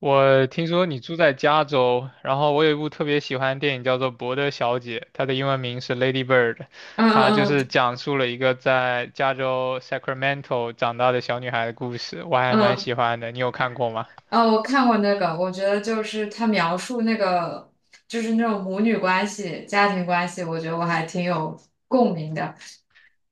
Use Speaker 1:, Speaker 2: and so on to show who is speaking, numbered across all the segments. Speaker 1: 我听说你住在加州，然后我有一部特别喜欢的电影叫做《伯德小姐》，它的英文名是《Lady Bird》，
Speaker 2: 嗯
Speaker 1: 它就是
Speaker 2: 嗯
Speaker 1: 讲述了一个在加州 Sacramento 长大的小女孩的故事，我还
Speaker 2: 嗯。
Speaker 1: 蛮喜
Speaker 2: 嗯。
Speaker 1: 欢的。你有看过吗？
Speaker 2: 哦，我看过那个，我觉得就是他描述那个，就是那种母女关系、家庭关系，我觉得我还挺有共鸣的。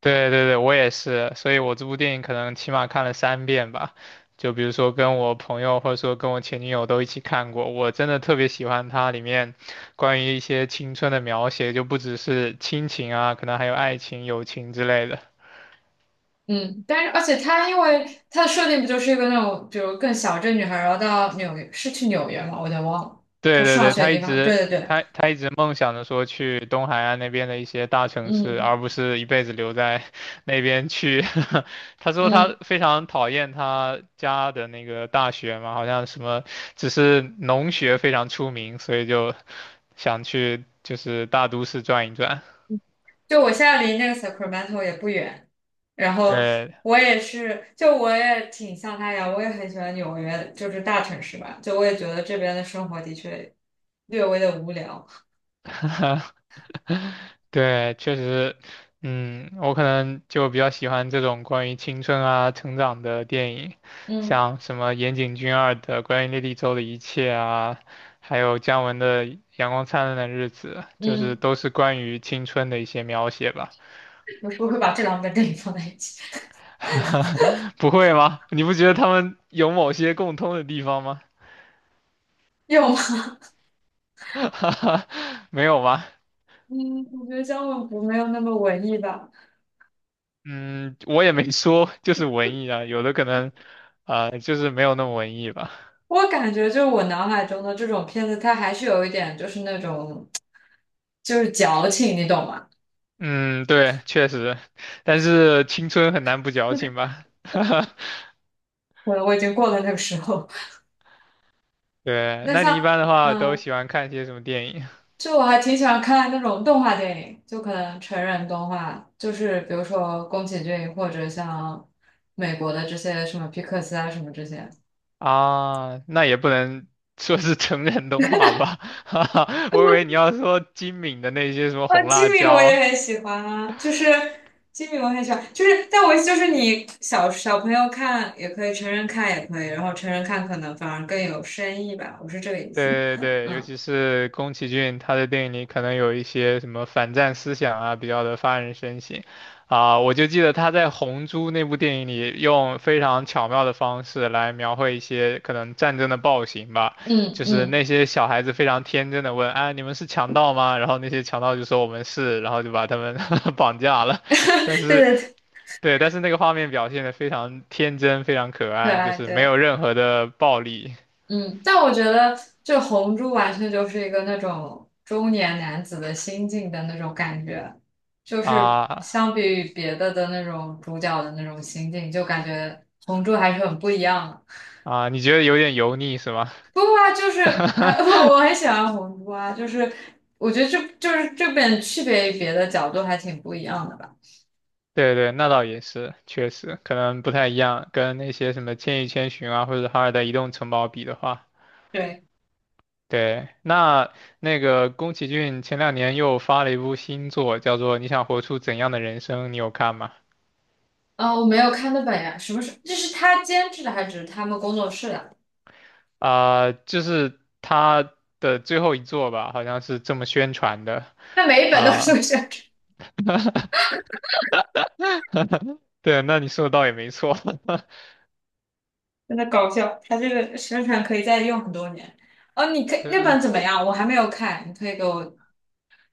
Speaker 1: 对对对，我也是，所以我这部电影可能起码看了3遍吧，就比如说跟我朋友或者说跟我前女友都一起看过，我真的特别喜欢它里面关于一些青春的描写，就不只是亲情啊，可能还有爱情、友情之类的。
Speaker 2: 嗯，但是而且他因为他的设定不就是一个那种，比如更小镇女孩，然后到纽约，是去纽约嘛，我有点忘了，
Speaker 1: 对
Speaker 2: 她
Speaker 1: 对
Speaker 2: 上
Speaker 1: 对，
Speaker 2: 学
Speaker 1: 他
Speaker 2: 的
Speaker 1: 一
Speaker 2: 地方。对
Speaker 1: 直
Speaker 2: 对对，
Speaker 1: 他他一直梦想着说去东海岸那边的一些大城市，
Speaker 2: 嗯
Speaker 1: 而不是一辈子留在 那边去。他说
Speaker 2: 嗯。
Speaker 1: 他非常讨厌他家的那个大学嘛，好像什么只是农学非常出名，所以就想去就是大都市转一转。
Speaker 2: 就我现在离那个 Sacramento 也不远，然后
Speaker 1: 对，
Speaker 2: 我也是，就我也挺像他一样，我也很喜欢纽约，就是大城市吧，就我也觉得这边的生活的确略微的无聊。
Speaker 1: 对，确实，我可能就比较喜欢这种关于青春啊、成长的电影，
Speaker 2: 嗯
Speaker 1: 像什么岩井俊二的《关于莉莉周的一切》啊，还有姜文的《阳光灿烂的日子》，就是
Speaker 2: 嗯。
Speaker 1: 都是关于青春的一些描写吧。
Speaker 2: 我是不会把这两本电影 放在一起，
Speaker 1: 不会吗？你不觉得他们有某些共通的地方吗？
Speaker 2: 有吗？
Speaker 1: 没有吗？
Speaker 2: 嗯，我觉得《江文不没有那么文艺吧。
Speaker 1: 嗯，我也没说，就是文艺啊，有的可能，啊，就是没有那么文艺吧。
Speaker 2: 我感觉就是我脑海中的这种片子，它还是有一点就是那种就是矫情，你懂吗？
Speaker 1: 嗯，对，确实，但是青春很难不矫情吧？
Speaker 2: 我已经过了那个时候。
Speaker 1: 对，
Speaker 2: 那
Speaker 1: 那你一
Speaker 2: 像
Speaker 1: 般的话都
Speaker 2: 嗯。
Speaker 1: 喜欢看些什么电影
Speaker 2: 就我还挺喜欢看那种动画电影，就可能成人动画，就是比如说宫崎骏或者像美国的这些什么皮克斯啊什么这些。
Speaker 1: 啊？那也不能 说是成人动画吧？哈哈我以为你要说金敏的那些什么
Speaker 2: 哦，
Speaker 1: 红
Speaker 2: 吉
Speaker 1: 辣
Speaker 2: 米我
Speaker 1: 椒
Speaker 2: 也很喜欢啊，就是吉米我很喜欢，就是但我意思就是你小小朋友看也可以，成人看也可以，然后成人看可能反而更有深意吧，我是这个意思。
Speaker 1: 对对对，尤
Speaker 2: 嗯
Speaker 1: 其是宫崎骏，他的电影里可能有一些什么反战思想啊，比较的发人深省啊。我就记得他在《红猪》那部电影里，用非常巧妙的方式来描绘一些可能战争的暴行吧，
Speaker 2: 嗯
Speaker 1: 就是
Speaker 2: 嗯。
Speaker 1: 那些小孩子非常天真的问："啊，你们是强盗吗？"然后那些强盗就说："我们是。"然后就把他们 绑架了。但
Speaker 2: 对
Speaker 1: 是，
Speaker 2: 对对。
Speaker 1: 对，但是那个画面表现的非常天真，非常可
Speaker 2: 可
Speaker 1: 爱，就
Speaker 2: 爱
Speaker 1: 是没有
Speaker 2: 对。
Speaker 1: 任何的暴力。
Speaker 2: 嗯，但我觉得这红珠完全就是一个那种中年男子的心境的那种感觉，就是
Speaker 1: 啊，
Speaker 2: 相比于别的的那种主角的那种心境，就感觉红珠还是很不一样的。
Speaker 1: 啊，你觉得有点油腻是吗？
Speaker 2: 不过啊，就是啊，我很喜欢红珠啊，就是我觉得这就是这本区别于别的角度还挺不一样的吧。
Speaker 1: 对对，那倒也是，确实可能不太一样，跟那些什么《千与千寻》啊，或者《哈尔的移动城堡》比的话，
Speaker 2: 对，
Speaker 1: 对，那个宫崎骏前两年又发了一部新作，叫做《你想活出怎样的人生》，你有看吗？
Speaker 2: 啊，我没有看那本呀，什么是？这是他监制的还是他们工作室的？
Speaker 1: 就是他的最后一作吧，好像是这么宣传的，
Speaker 2: 那每一本都
Speaker 1: 啊、
Speaker 2: 是这样。
Speaker 1: 对，那你说的倒也没错，
Speaker 2: 真的搞笑，他这个宣传可以再用很多年。哦，你可 以
Speaker 1: 对。
Speaker 2: 那本怎么样？我还没有看，你可以给我。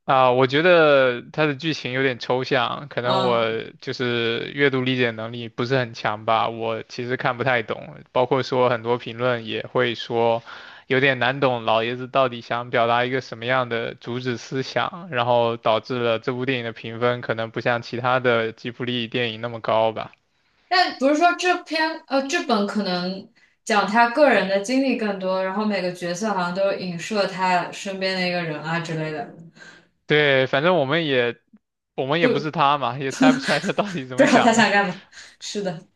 Speaker 1: 啊，我觉得它的剧情有点抽象，可能我
Speaker 2: 嗯，
Speaker 1: 就是阅读理解能力不是很强吧，我其实看不太懂，包括说很多评论也会说有点难懂，老爷子到底想表达一个什么样的主旨思想，然后导致了这部电影的评分可能不像其他的吉卜力电影那么高吧。
Speaker 2: 但不是说这篇这本可能讲他个人的经历更多，然后每个角色好像都影射他身边的一个人啊之类的。
Speaker 1: 对，反正我们也不是
Speaker 2: 不
Speaker 1: 他嘛，也猜不出来他到底怎
Speaker 2: 不
Speaker 1: 么
Speaker 2: 知道他
Speaker 1: 想的。
Speaker 2: 想干嘛。是的。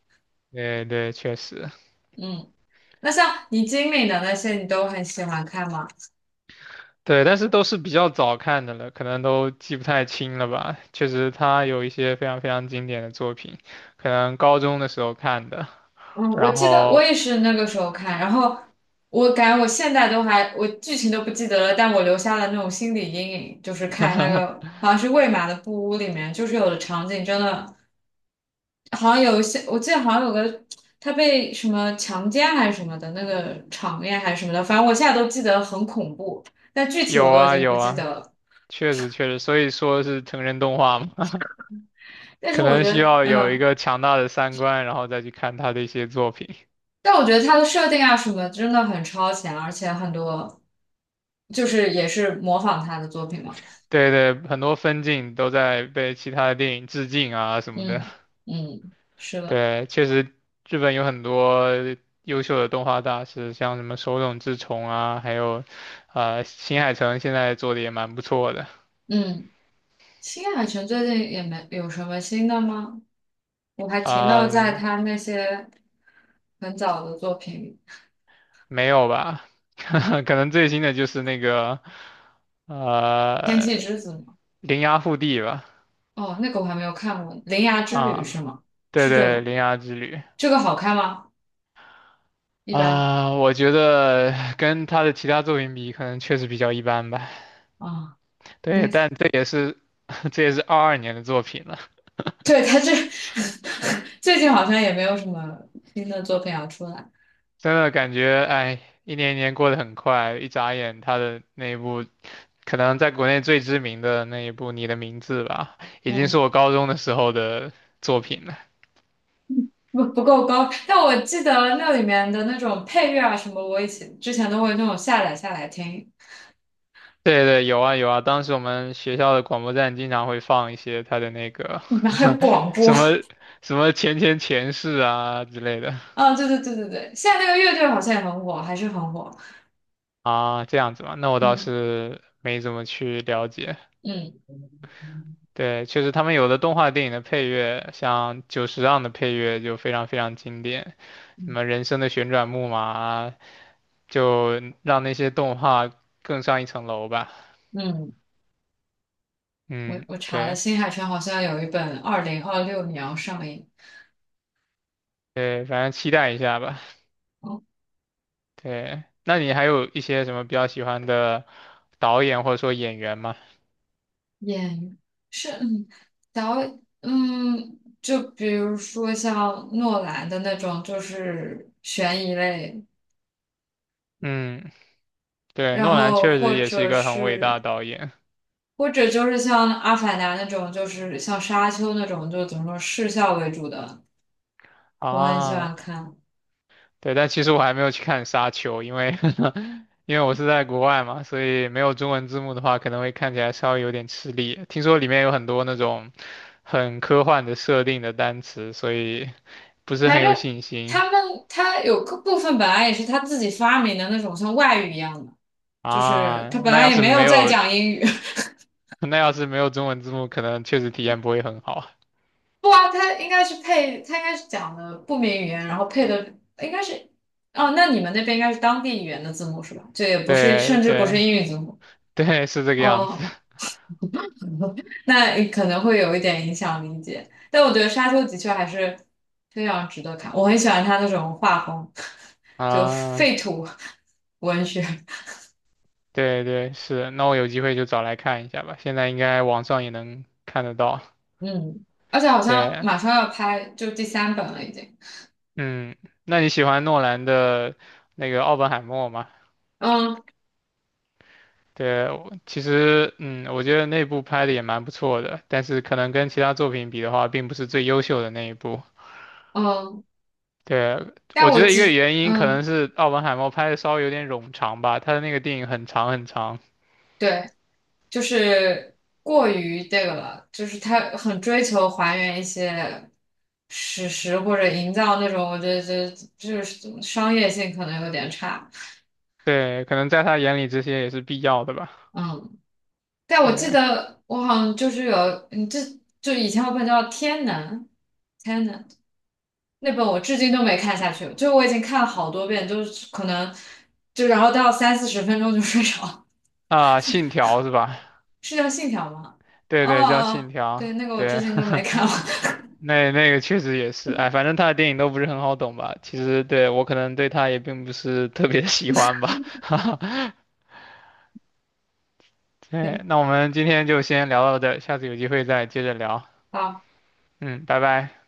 Speaker 1: 对对，确实。
Speaker 2: 嗯，那像你经历的那些，你都很喜欢看吗？
Speaker 1: 对，但是都是比较早看的了，可能都记不太清了吧。确实，他有一些非常非常经典的作品，可能高中的时候看的。
Speaker 2: 嗯，我
Speaker 1: 然
Speaker 2: 记得我
Speaker 1: 后
Speaker 2: 也是那个时候看，然后我感觉我现在都还，我剧情都不记得了，但我留下了那种心理阴影，就是看那个好像是魏玛的布屋里面，就是有的场景真的好像有一些，我记得好像有个他被什么强奸还是什么的那个场面还是什么的，反正我现在都记得很恐怖，但具体我
Speaker 1: 有
Speaker 2: 都已
Speaker 1: 啊
Speaker 2: 经不
Speaker 1: 有
Speaker 2: 记得
Speaker 1: 啊，
Speaker 2: 了。
Speaker 1: 确实确实，所以说是成人动画嘛，
Speaker 2: 但是
Speaker 1: 可
Speaker 2: 我
Speaker 1: 能
Speaker 2: 觉
Speaker 1: 需
Speaker 2: 得，
Speaker 1: 要有一
Speaker 2: 嗯，
Speaker 1: 个强大的三观，然后再去看他的一些作品。
Speaker 2: 但我觉得他的设定啊什么真的很超前，而且很多就是也是模仿他的作品嘛。
Speaker 1: 对对，很多分镜都在被其他的电影致敬啊什么的。
Speaker 2: 嗯嗯，是的。
Speaker 1: 对，确实，日本有很多优秀的动画大师，像什么手冢治虫啊，还有，新海诚现在做的也蛮不错的。
Speaker 2: 嗯，新海诚最近也没有什么新的吗？我还停留在
Speaker 1: 嗯，
Speaker 2: 他那些很早的作品，《里，
Speaker 1: 没有吧？可能最新的就是那个，
Speaker 2: 天气
Speaker 1: 呃，
Speaker 2: 之子》吗？
Speaker 1: 铃芽护地吧。
Speaker 2: 哦，那个我还没有看过，《铃芽之旅》是
Speaker 1: 啊，
Speaker 2: 吗？
Speaker 1: 对
Speaker 2: 是这
Speaker 1: 对，
Speaker 2: 个，
Speaker 1: 《铃芽之旅》
Speaker 2: 这个好看吗？一般。
Speaker 1: 啊，我觉得跟他的其他作品比，可能确实比较一般吧。
Speaker 2: 啊，
Speaker 1: 对，
Speaker 2: 那个，
Speaker 1: 但这也是 这也是22年的作品了。
Speaker 2: 对，他这 最近好像也没有什么新的作品要出来。
Speaker 1: 真的感觉，哎，一年一年过得很快，一眨眼，他的那一部可能在国内最知名的那一部《你的名字》吧，已经是
Speaker 2: 嗯，
Speaker 1: 我高中的时候的作品了。
Speaker 2: 不够高，但我记得那里面的那种配乐啊什么，我以前之前都会那种下载下来听。
Speaker 1: 对对，有啊有啊，当时我们学校的广播站经常会放一些他的那个
Speaker 2: 你们还有 广
Speaker 1: 什
Speaker 2: 播？
Speaker 1: 么什么前前前世啊之类的
Speaker 2: 啊，对对对对对，现在那个乐队好像也很火，还是很火。
Speaker 1: 啊，这样子嘛，那我倒
Speaker 2: 嗯
Speaker 1: 是没怎么去了解。
Speaker 2: 嗯
Speaker 1: 对，确实，他们有的动画电影的配乐，像久石让的配乐就非常非常经典，什
Speaker 2: 嗯
Speaker 1: 么《人生的旋转木马》啊，就让那些动画更上一层楼吧。
Speaker 2: 嗯，我
Speaker 1: 嗯，
Speaker 2: 我查了，
Speaker 1: 对
Speaker 2: 新海诚好像有一本2026年要上映。
Speaker 1: 对，反正期待一下吧。
Speaker 2: 哦，
Speaker 1: 对，那你还有一些什么比较喜欢的导演或者说演员吗？
Speaker 2: 演员是导演就比如说像诺兰的那种，就是悬疑类，
Speaker 1: 嗯，对，
Speaker 2: 然
Speaker 1: 诺兰
Speaker 2: 后
Speaker 1: 确实
Speaker 2: 或
Speaker 1: 也是一
Speaker 2: 者
Speaker 1: 个很伟大
Speaker 2: 是。
Speaker 1: 的导演
Speaker 2: 或者就是像《阿凡达》那种，就是像《沙丘》那种，就怎么说视效为主的，我很喜
Speaker 1: 啊。
Speaker 2: 欢看。
Speaker 1: 对，但其实我还没有去看《沙丘》，因为 因为我是在国外嘛，所以没有中文字幕的话，可能会看起来稍微有点吃力。听说里面有很多那种很科幻的设定的单词，所以不是
Speaker 2: 反
Speaker 1: 很有
Speaker 2: 正
Speaker 1: 信心
Speaker 2: 他们他有个部分本来也是他自己发明的那种像外语一样的，就是
Speaker 1: 啊。
Speaker 2: 他本
Speaker 1: 那
Speaker 2: 来
Speaker 1: 要
Speaker 2: 也
Speaker 1: 是
Speaker 2: 没
Speaker 1: 没
Speaker 2: 有在
Speaker 1: 有，
Speaker 2: 讲英语。
Speaker 1: 那要是没有中文字幕，可能确实体验不会很好。
Speaker 2: 不啊，他应该是配，他应该是讲的不明语言，然后配的应该是，哦，那你们那边应该是当地语言的字幕是吧？这也不是，
Speaker 1: 对
Speaker 2: 甚至不
Speaker 1: 对
Speaker 2: 是英语字幕。
Speaker 1: 对，是这个样子
Speaker 2: 哦，那你可能会有一点影响理解，但我觉得《沙丘》的确还是非常值得看，我很喜欢他那种画风，就
Speaker 1: 啊。
Speaker 2: 废土文学。
Speaker 1: 对对是，那我有机会就找来看一下吧，现在应该网上也能看得到。
Speaker 2: 嗯，而且好像
Speaker 1: 对。
Speaker 2: 马上要拍，就第三本了已经。
Speaker 1: 嗯，那你喜欢诺兰的那个《奥本海默》吗？
Speaker 2: 嗯
Speaker 1: 对，我其实我觉得那部拍的也蛮不错的，但是可能跟其他作品比的话，并不是最优秀的那一部。
Speaker 2: 嗯，
Speaker 1: 对，
Speaker 2: 但
Speaker 1: 我觉
Speaker 2: 我
Speaker 1: 得一个
Speaker 2: 记，
Speaker 1: 原因可能
Speaker 2: 嗯，
Speaker 1: 是《奥本海默》拍的稍微有点冗长吧，他的那个电影很长很长。
Speaker 2: 对，就是过于这个了，就是他很追求还原一些史实或者营造那种，我觉得这就是商业性可能有点差。
Speaker 1: 对，可能在他眼里这些也是必要的吧。
Speaker 2: 嗯，但我记
Speaker 1: 对
Speaker 2: 得我好像就是有，这就以前有本叫《天能》，《天能》。那本我至今都没看下去，就我已经看了好多遍，就是可能就然后到三四十分钟就睡着
Speaker 1: 啊，《信条》是吧？
Speaker 2: 是叫《信条》吗？
Speaker 1: 对
Speaker 2: 哦，
Speaker 1: 对，叫
Speaker 2: 哦
Speaker 1: 《信
Speaker 2: 哦
Speaker 1: 条》，
Speaker 2: 对，那个我至
Speaker 1: 对，
Speaker 2: 今都没看完。
Speaker 1: 那个确实也是，哎，反正他的电影都不是很好懂吧？其实对我可能对他也并不是特别 喜欢吧，对，
Speaker 2: 对，
Speaker 1: 那我们今天就先聊到这儿下次有机会再接着聊。
Speaker 2: 好。
Speaker 1: 嗯，拜拜。